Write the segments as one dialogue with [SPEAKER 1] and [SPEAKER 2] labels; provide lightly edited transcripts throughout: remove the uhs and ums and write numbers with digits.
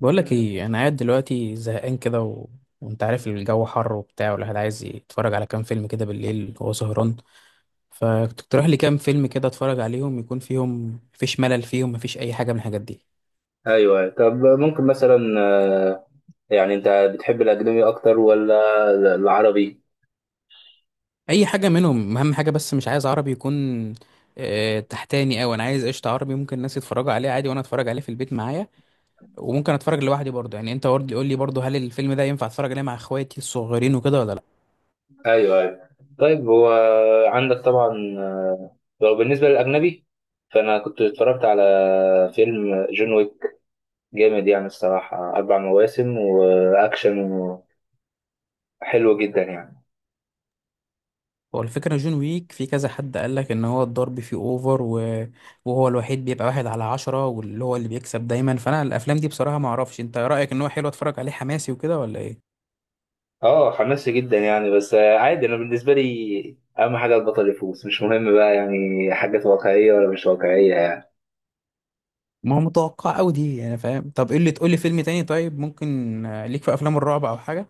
[SPEAKER 1] بقولك ايه، انا قاعد دلوقتي زهقان كده. وانت عارف الجو حر وبتاع، والواحد عايز يتفرج على كام فيلم كده بالليل وهو سهران. فتقترح لي كام فيلم كده اتفرج عليهم، يكون فيهم مفيش ملل، فيهم مفيش اي حاجه من الحاجات دي.
[SPEAKER 2] ايوه. طب ممكن مثلا يعني انت بتحب الاجنبي اكتر ولا العربي؟
[SPEAKER 1] اي حاجه منهم، اهم حاجه بس مش عايز عربي يكون تحتاني، او انا عايز قشطه عربي ممكن الناس يتفرجوا عليه عادي وانا اتفرج عليه في البيت معايا. وممكن اتفرج لوحدي برضه، يعني انت برضه قول لي برضه، هل الفيلم ده ينفع اتفرج عليه مع اخواتي الصغيرين وكده ولا لا؟
[SPEAKER 2] ايوه ايوه. طيب هو عندك طبعا آه، لو بالنسبه للاجنبي، فانا كنت اتفرجت على فيلم جون ويك. جامد يعني الصراحه، اربع مواسم واكشن، حلو جدا يعني.
[SPEAKER 1] هو الفكرة جون ويك، في كذا حد قال لك ان هو الضرب فيه اوفر وهو الوحيد بيبقى واحد على عشرة، واللي هو اللي بيكسب دايما، فانا الافلام دي بصراحة ما اعرفش انت رأيك ان هو حلو اتفرج عليه حماسي وكده ولا ايه؟
[SPEAKER 2] اه حماسي جدا يعني، بس عادي. انا بالنسبه لي اهم حاجه البطل يفوز، مش مهم بقى يعني حاجات واقعيه ولا مش واقعيه يعني.
[SPEAKER 1] ما هو متوقع قوي دي يعني، فاهم. طب ايه اللي تقول لي فيلم تاني؟ طيب ممكن ليك في افلام الرعب او حاجة؟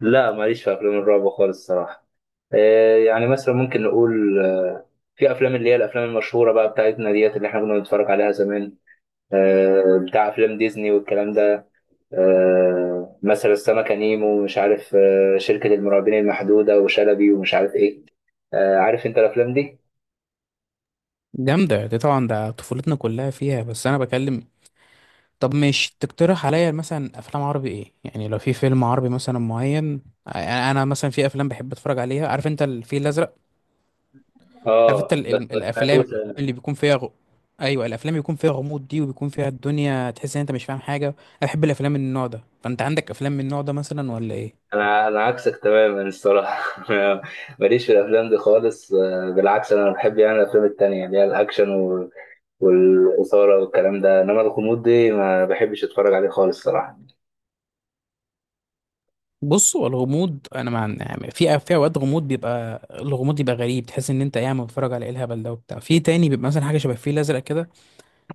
[SPEAKER 2] لا، ماليش في افلام الرعب خالص الصراحه. يعني مثلا ممكن نقول في افلام اللي هي الافلام المشهوره بقى بتاعتنا ديت، اللي احنا كنا بنتفرج عليها زمان، بتاع افلام ديزني والكلام ده. مثلا السمكه نيمو ومش عارف شركه المرعبين المحدوده وشلبي ومش عارف ايه. عارف انت الافلام دي.
[SPEAKER 1] جامدة دي طبعا، ده طفولتنا كلها فيها، بس انا بكلم. طب مش تقترح عليا مثلا افلام عربي ايه يعني؟ لو في فيلم عربي مثلا معين، انا مثلا في افلام بحب اتفرج عليها، عارف انت الفيل الازرق؟ عارف انت
[SPEAKER 2] اه بس ما سمعتوش
[SPEAKER 1] الافلام
[SPEAKER 2] انا.
[SPEAKER 1] اللي بيكون فيها ايوه، الافلام بيكون فيها غموض دي، وبيكون فيها الدنيا تحس ان انت مش فاهم حاجه. انا بحب الافلام من النوع ده، فانت عندك افلام من النوع ده مثلا ولا ايه؟
[SPEAKER 2] انا عكسك تماما الصراحه. ماليش في الافلام دي خالص. بالعكس انا بحب يعني الافلام التانية اللي هي الاكشن والاثاره والكلام ده، انما الغموض دي ما بحبش اتفرج عليه خالص صراحه.
[SPEAKER 1] بص، هو الغموض انا مع يعني، في اوقات غموض بيبقى الغموض بيبقى غريب، تحس ان انت قاعد بتتفرج على ايه الهبل ده وبتاع. في تاني بيبقى مثلا حاجه شبه الفيل الازرق كده،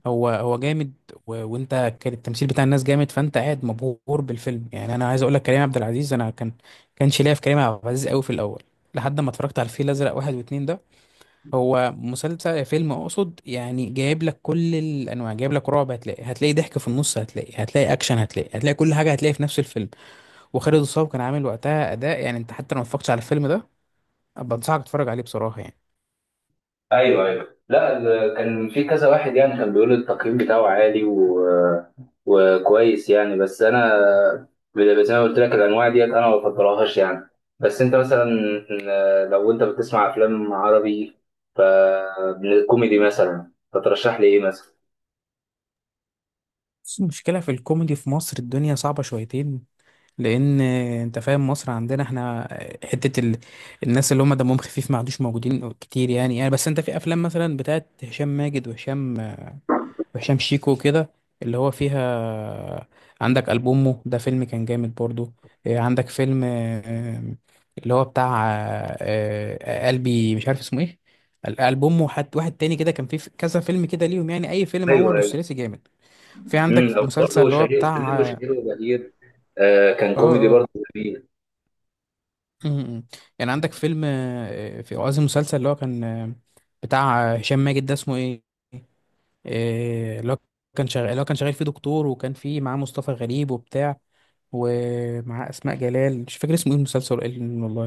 [SPEAKER 1] هو هو جامد. وانت كان التمثيل بتاع الناس جامد، فانت قاعد مبهور بالفيلم يعني. انا عايز اقول لك كريم عبد العزيز، انا كان كانش ليا في كريم عبد العزيز قوي في الاول، لحد ما اتفرجت على الفيل الازرق واحد واتنين ده. هو مسلسل، فيلم اقصد يعني، جايب لك كل الانواع، جايب لك رعب، هتلاقي ضحك في النص، هتلاقي اكشن، هتلاقي كل حاجه هتلاقي في نفس الفيلم. وخالد الصاوي كان عامل وقتها اداء، يعني انت حتى لو ما اتفرجتش على الفيلم ده، ابقى انصحك تتفرج عليه بصراحه يعني.
[SPEAKER 2] ايوه ايوه. لا، كان في كذا واحد يعني كان بيقول التقييم بتاعه عالي وكويس يعني. بس انا زي ما قلت لك الانواع ديت انا ما بفضلهاش يعني. بس انت مثلا لو انت بتسمع افلام عربي ف كوميدي مثلا، فترشح لي ايه مثلا؟
[SPEAKER 1] بس المشكله في الكوميدي في مصر الدنيا صعبه شويتين، لان انت فاهم مصر عندنا احنا، حته الناس اللي هم دمهم خفيف ما عادوش موجودين كتير يعني بس انت في افلام مثلا بتاعت هشام ماجد وهشام شيكو كده، اللي هو فيها. عندك ألبومه ده، فيلم كان جامد برضو. عندك فيلم، اللي هو بتاع، قلبي مش عارف اسمه ايه. ألبومه حد واحد تاني كده، كان فيه في كذا فيلم كده ليهم يعني، أي فيلم
[SPEAKER 2] ايوه
[SPEAKER 1] عمله
[SPEAKER 2] ايوه.
[SPEAKER 1] الثلاثي جامد. في عندك
[SPEAKER 2] او
[SPEAKER 1] مسلسل
[SPEAKER 2] برضه
[SPEAKER 1] اللي هو
[SPEAKER 2] شهير
[SPEAKER 1] بتاع
[SPEAKER 2] شهير
[SPEAKER 1] اه
[SPEAKER 2] وشهير وبهير. آه، كان
[SPEAKER 1] اه
[SPEAKER 2] كوميدي
[SPEAKER 1] آه،
[SPEAKER 2] برضه. جميل.
[SPEAKER 1] م- م. يعني عندك فيلم في قصدي مسلسل اللي هو كان بتاع هشام ماجد ده اسمه ايه؟ اللي هو كان شغال فيه دكتور، وكان فيه معاه مصطفى غريب وبتاع، ومعاه اسماء جلال، مش فاكر اسمه ايه المسلسل، إيه والله.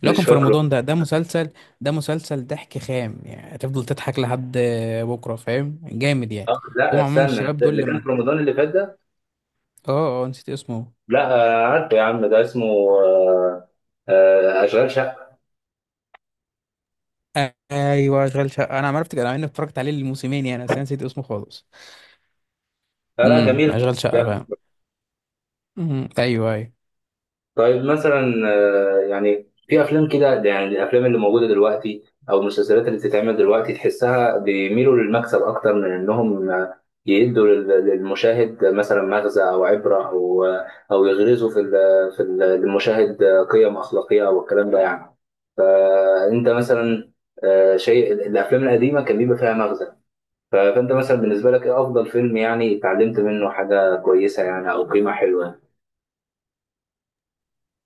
[SPEAKER 1] اللي هو
[SPEAKER 2] مش
[SPEAKER 1] كان في
[SPEAKER 2] فاكره.
[SPEAKER 1] رمضان ده، ده مسلسل ضحك خام يعني، هتفضل تضحك لحد بكره، فاهم، جامد يعني.
[SPEAKER 2] اه
[SPEAKER 1] هو
[SPEAKER 2] لا
[SPEAKER 1] عموما
[SPEAKER 2] استنى،
[SPEAKER 1] الشباب دول
[SPEAKER 2] اللي كان
[SPEAKER 1] لما
[SPEAKER 2] في رمضان اللي فات ده؟
[SPEAKER 1] اه نسيت اسمه.
[SPEAKER 2] لا. عارفه يا عم ده اسمه اشغال شقه.
[SPEAKER 1] ايوه، اشغال شقه، انا عرفت انا اني اتفرجت عليه الموسمين يعني، بس أنا نسيت اسمه خالص.
[SPEAKER 2] لا لا جميل.
[SPEAKER 1] اشغال شقه فاهم. ايوه، ايوه.
[SPEAKER 2] طيب مثلا يعني في افلام كده، يعني الافلام اللي موجوده دلوقتي او المسلسلات اللي بتتعمل دلوقتي تحسها بيميلوا للمكسب اكتر من انهم يدوا للمشاهد مثلا مغزى او عبره او يغرزوا في ال- للمشاهد قيم اخلاقيه والكلام ده يعني. فانت مثلا شيء الافلام القديمه كان بيبقى فيها مغزى. فانت مثلا بالنسبه لك ايه افضل فيلم يعني اتعلمت منه حاجه كويسه يعني او قيمه حلوه؟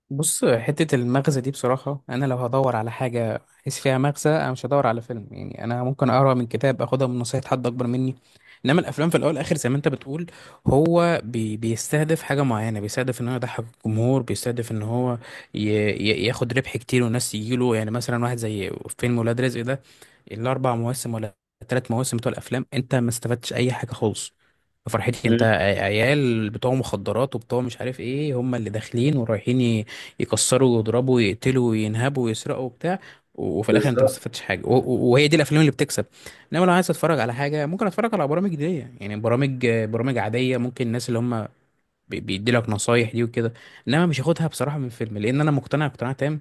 [SPEAKER 1] بص، حتة المغزى دي بصراحة، أنا لو هدور على حاجة أحس فيها مغزى، أنا مش هدور على فيلم يعني، أنا ممكن أقرأ من كتاب، أخدها من نصيحة حد أكبر مني. إنما الأفلام في الأول والآخر زي ما أنت بتقول، هو بيستهدف حاجة معينة، بيستهدف إن هو يضحك الجمهور، بيستهدف إن هو ي ي ياخد ربح كتير والناس يجيله يعني. مثلا واحد زي فيلم ولاد رزق ده، الأربع مواسم ولا التلات مواسم بتوع الأفلام، أنت ما استفدتش أي حاجة خالص. فرحتي انت،
[SPEAKER 2] مم.
[SPEAKER 1] عيال بتوع مخدرات وبتوع مش عارف ايه، هم اللي داخلين ورايحين يكسروا ويضربوا ويقتلوا وينهبوا ويسرقوا وبتاع، وفي الاخر انت ما
[SPEAKER 2] بالظبط.
[SPEAKER 1] استفدتش حاجه، وهي دي الافلام اللي بتكسب. انما لو عايز اتفرج على حاجه، ممكن اتفرج على برامج دي يعني، برامج عاديه، ممكن الناس اللي هم بيدي لك نصايح دي وكده. انما مش هاخدها بصراحه من فيلم، لان انا مقتنع اقتناع تام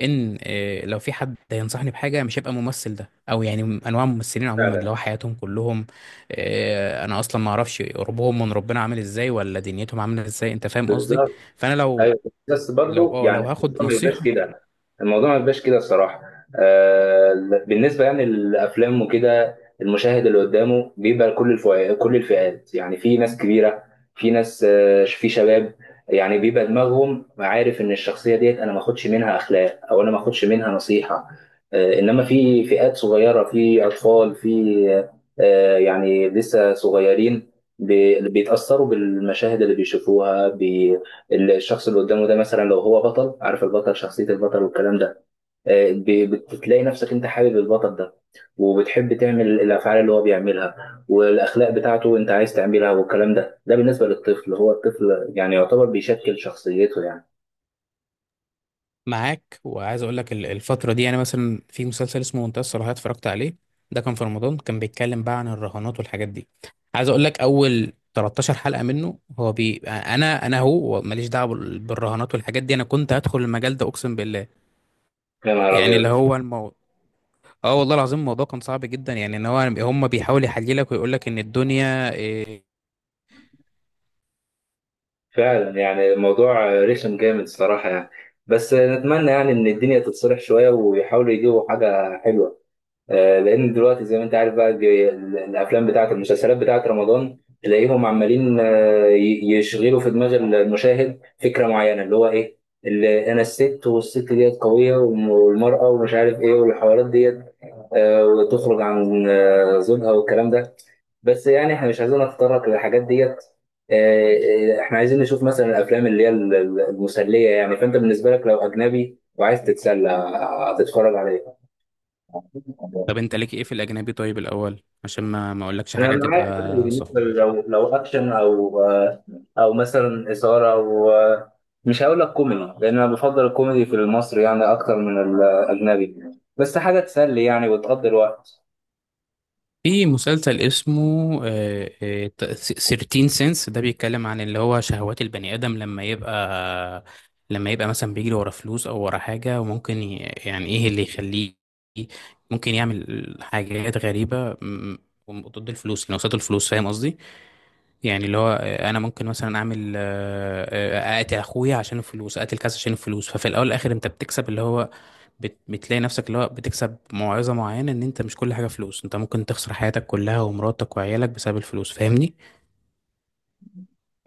[SPEAKER 1] ان لو في حد هينصحني بحاجه مش هيبقى الممثل ده، او يعني انواع الممثلين عموما،
[SPEAKER 2] فعلا.
[SPEAKER 1] اللي هو حياتهم كلهم، انا اصلا ما اعرفش قربهم من ربنا عامل ازاي، ولا دنيتهم عامله ازاي، انت فاهم قصدي.
[SPEAKER 2] بالظبط.
[SPEAKER 1] فانا لو
[SPEAKER 2] ايوه. بس
[SPEAKER 1] لو
[SPEAKER 2] برضو
[SPEAKER 1] اه لو
[SPEAKER 2] يعني
[SPEAKER 1] هاخد
[SPEAKER 2] الموضوع ما يبقاش
[SPEAKER 1] نصيحة،
[SPEAKER 2] كده. الموضوع ما يبقاش كده الصراحه. آه، بالنسبه يعني للافلام وكده المشاهد اللي قدامه بيبقى كل الفئات، كل الفئات، يعني في ناس كبيره، في ناس آه في شباب، يعني بيبقى دماغهم عارف ان الشخصيه ديت انا ما اخدش منها اخلاق او انا ما اخدش منها نصيحه. آه انما في فئات صغيره، في اطفال، في آه يعني لسه صغيرين، بيتاثروا بالمشاهد اللي بيشوفوها. بي الشخص اللي قدامه ده مثلا لو هو بطل، عارف البطل شخصية البطل والكلام ده، بتلاقي نفسك انت حابب البطل ده وبتحب تعمل الافعال اللي هو بيعملها والاخلاق بتاعته انت عايز تعملها والكلام ده. ده بالنسبة للطفل، هو الطفل يعني يعتبر بيشكل شخصيته يعني.
[SPEAKER 1] معاك. وعايز اقول لك الفترة دي، يعني مثلا في مسلسل اسمه منتهى الصراحة اتفرجت عليه، ده كان في رمضان، كان بيتكلم بقى عن الرهانات والحاجات دي. عايز اقول لك اول 13 حلقة منه، هو انا هو ماليش دعوة بالرهانات والحاجات دي، انا كنت هدخل المجال ده اقسم بالله.
[SPEAKER 2] يا نهار
[SPEAKER 1] يعني اللي
[SPEAKER 2] ابيض.
[SPEAKER 1] هو الموضوع، اه والله العظيم الموضوع كان صعب جدا يعني، ان هو هم بيحاول يحللك ويقول لك ان الدنيا.
[SPEAKER 2] فعلا يعني الموضوع رخم جامد الصراحة يعني. بس نتمنى يعني ان الدنيا تتصلح شوية ويحاولوا يجيبوا حاجة حلوة. لان دلوقتي زي ما انت عارف بقى، الافلام بتاعت المسلسلات بتاعت رمضان تلاقيهم عمالين يشغلوا في دماغ المشاهد فكره معينه، اللي هو ايه؟ اللي انا الست، والست ديت قويه، والمراه ومش عارف ايه، والحوارات ديت وتخرج عن زوجها والكلام ده. بس يعني احنا مش عايزين نتطرق للحاجات ديت. احنا عايزين نشوف مثلا الافلام اللي هي المسليه يعني. فانت بالنسبه لك لو اجنبي وعايز تتسلى هتتفرج على ايه؟
[SPEAKER 1] طب انت ليك ايه في الاجنبي طيب الاول عشان ما اقولكش
[SPEAKER 2] انا
[SPEAKER 1] حاجة
[SPEAKER 2] معاك عادي.
[SPEAKER 1] تبقى صح.
[SPEAKER 2] بالنسبه لو، لو اكشن او او مثلا اثاره، او مش هقول لك كوميدي لان انا بفضل الكوميدي في المصري يعني اكتر من الاجنبي، بس حاجه تسلي يعني وتقضي الوقت.
[SPEAKER 1] في مسلسل اسمه 13 سنس ده، بيتكلم عن اللي هو شهوات البني آدم لما يبقى، لما يبقى مثلا بيجري ورا فلوس او ورا حاجة، وممكن يعني ايه اللي يخليه ممكن يعمل حاجات غريبة ضد الفلوس، يعني قصاد الفلوس، فاهم قصدي؟ يعني اللي هو انا ممكن مثلا اعمل اقتل اخويا عشان الفلوس، اقتل كذا عشان الفلوس، ففي الاول والاخر انت بتكسب اللي هو بتلاقي نفسك اللي هو بتكسب موعظة معينة، ان انت مش كل حاجة فلوس، انت ممكن تخسر حياتك كلها ومراتك وعيالك بسبب الفلوس، فاهمني.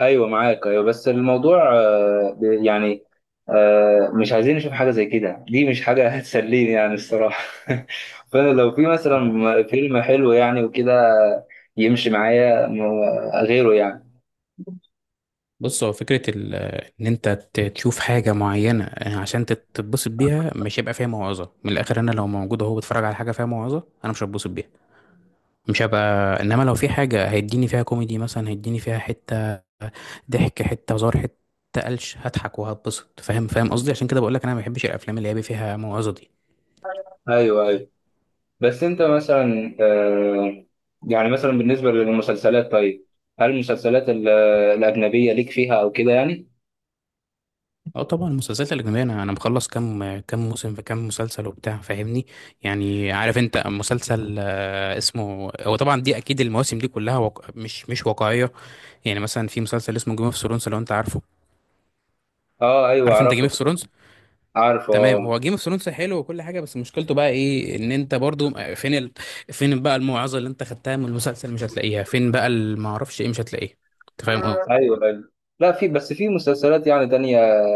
[SPEAKER 2] ايوه معاك ايوه، بس الموضوع يعني مش عايزين نشوف حاجه زي كده. دي مش حاجه هتسليني يعني الصراحه فانا لو في مثلا فيلم حلو يعني وكده يمشي معايا غيره يعني.
[SPEAKER 1] بص، هو فكرة ان انت تشوف حاجة معينة عشان تتبسط بيها، مش هيبقى فيها موعظة من الاخر. انا لو موجود اهو بتفرج على حاجة فيها موعظة انا مش هتبسط بيها، مش هبقى. انما لو في حاجة هيديني فيها كوميدي مثلا، هيديني فيها حتة ضحك، حتة هزار، حتة قلش، هضحك وهتبسط، فاهم، فاهم قصدي؟ عشان كده بقول لك انا ما بحبش الافلام اللي هي فيها موعظة دي.
[SPEAKER 2] ايوه ايوه. بس انت مثلا يعني مثلا بالنسبه للمسلسلات، طيب هل المسلسلات الاجنبيه ليك فيها او كده يعني؟
[SPEAKER 1] اه طبعا، المسلسلات الاجنبيه انا مخلص كام كام موسم في كام مسلسل وبتاع، فاهمني. يعني عارف انت مسلسل اسمه، هو طبعا دي اكيد المواسم دي كلها مش واقعيه. يعني مثلا في مسلسل اسمه جيم اوف ثرونز، لو انت عارفه.
[SPEAKER 2] اه ايوه
[SPEAKER 1] عارف انت جيم
[SPEAKER 2] اعرفه.
[SPEAKER 1] اوف ثرونز؟
[SPEAKER 2] عارفه
[SPEAKER 1] تمام،
[SPEAKER 2] اه.
[SPEAKER 1] هو جيم اوف ثرونز حلو وكل حاجه، بس مشكلته بقى ايه؟ ان انت برضو فين فين بقى الموعظه اللي انت خدتها من المسلسل؟ مش هتلاقيها، فين بقى، ما اعرفش ايه، مش هتلاقيه. انت فاهم قصدي؟
[SPEAKER 2] ايوه ايوه. لا في، بس في مسلسلات يعني تانية،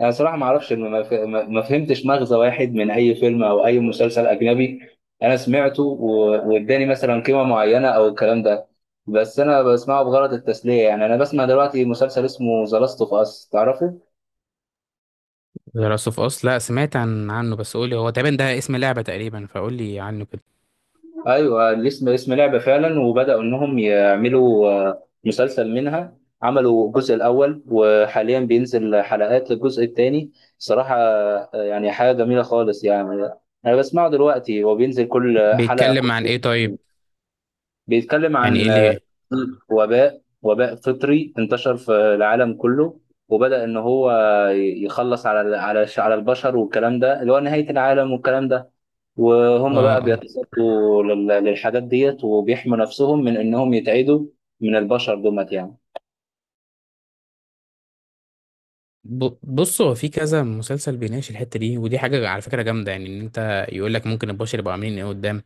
[SPEAKER 2] انا صراحه ما اعرفش ما ما فهمتش مغزى واحد من اي فيلم او اي مسلسل اجنبي انا سمعته واداني مثلا قيمه معينه او الكلام ده. بس انا بسمعه بغرض التسليه يعني. انا بسمع دلوقتي مسلسل اسمه ذا لاست اوف اس، تعرفه؟
[SPEAKER 1] ذا لاست اوف اس، لا سمعت عنه بس قولي، هو تقريبا ده اسم لعبه تقريبا، فقولي عنه كده.
[SPEAKER 2] ايوه الاسم اسم لعبه فعلا، وبداوا انهم يعملوا مسلسل منها. عملوا الجزء الاول، وحاليا بينزل حلقات للجزء الثاني. صراحه يعني حاجه جميله خالص يعني. انا بسمعه دلوقتي، هو بينزل كل حلقه كل،
[SPEAKER 1] بيتكلم عن ايه طيب؟
[SPEAKER 2] بيتكلم
[SPEAKER 1] يعني ايه
[SPEAKER 2] عن
[SPEAKER 1] اللي،
[SPEAKER 2] وباء، وباء فطري انتشر في العالم كله، وبدا ان هو يخلص على على البشر والكلام ده، اللي هو نهايه العالم والكلام ده. وهم
[SPEAKER 1] اه
[SPEAKER 2] بقى
[SPEAKER 1] اه
[SPEAKER 2] بيتصدوا للحاجات ديت وبيحموا نفسهم من انهم يتعدوا من البشر دومت يعني.
[SPEAKER 1] بص، هو في كذا مسلسل بيناقش الحته دي، ودي حاجه على فكره جامده يعني، ان انت يقول لك ممكن البشر يبقوا عاملين ايه قدام.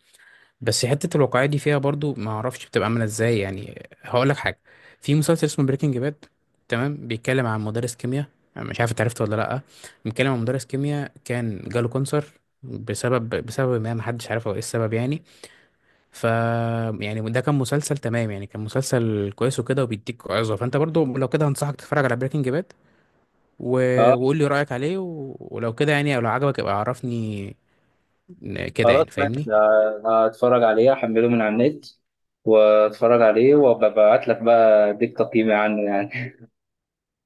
[SPEAKER 1] بس حته الواقعيه دي فيها برضو، ما اعرفش بتبقى عامله ازاي يعني، هقول لك حاجه. في مسلسل اسمه بريكنج باد، تمام، بيتكلم عن مدرس كيمياء. أنا مش عارف انت عرفته ولا لا. بيتكلم عن مدرس كيمياء كان جاله كانسر، بسبب ما محدش عارف هو ايه السبب يعني. ف يعني ده كان مسلسل تمام يعني، كان مسلسل كويس وكده وبيديك عظة، فانت برضو لو كده هنصحك تتفرج على بريكنج باد، و...
[SPEAKER 2] اه
[SPEAKER 1] وقول لي رأيك عليه، ولو كده يعني، او لو عجبك ابقى عرفني كده
[SPEAKER 2] خلاص
[SPEAKER 1] يعني،
[SPEAKER 2] ماشي،
[SPEAKER 1] فاهمني.
[SPEAKER 2] هتفرج عليه، احمله من على النت واتفرج عليه وببعت لك بقى اديك تقييمي عنه يعني.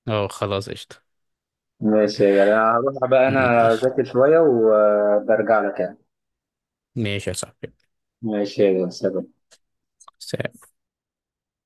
[SPEAKER 1] اه خلاص، قشطة.
[SPEAKER 2] ماشي يا جدع. انا هروح بقى انا
[SPEAKER 1] ماشي.
[SPEAKER 2] اذاكر شوية وبرجع لك يعني.
[SPEAKER 1] ماشي يا صاحبي.
[SPEAKER 2] ماشي يا جدع سلام.
[SPEAKER 1] سلام.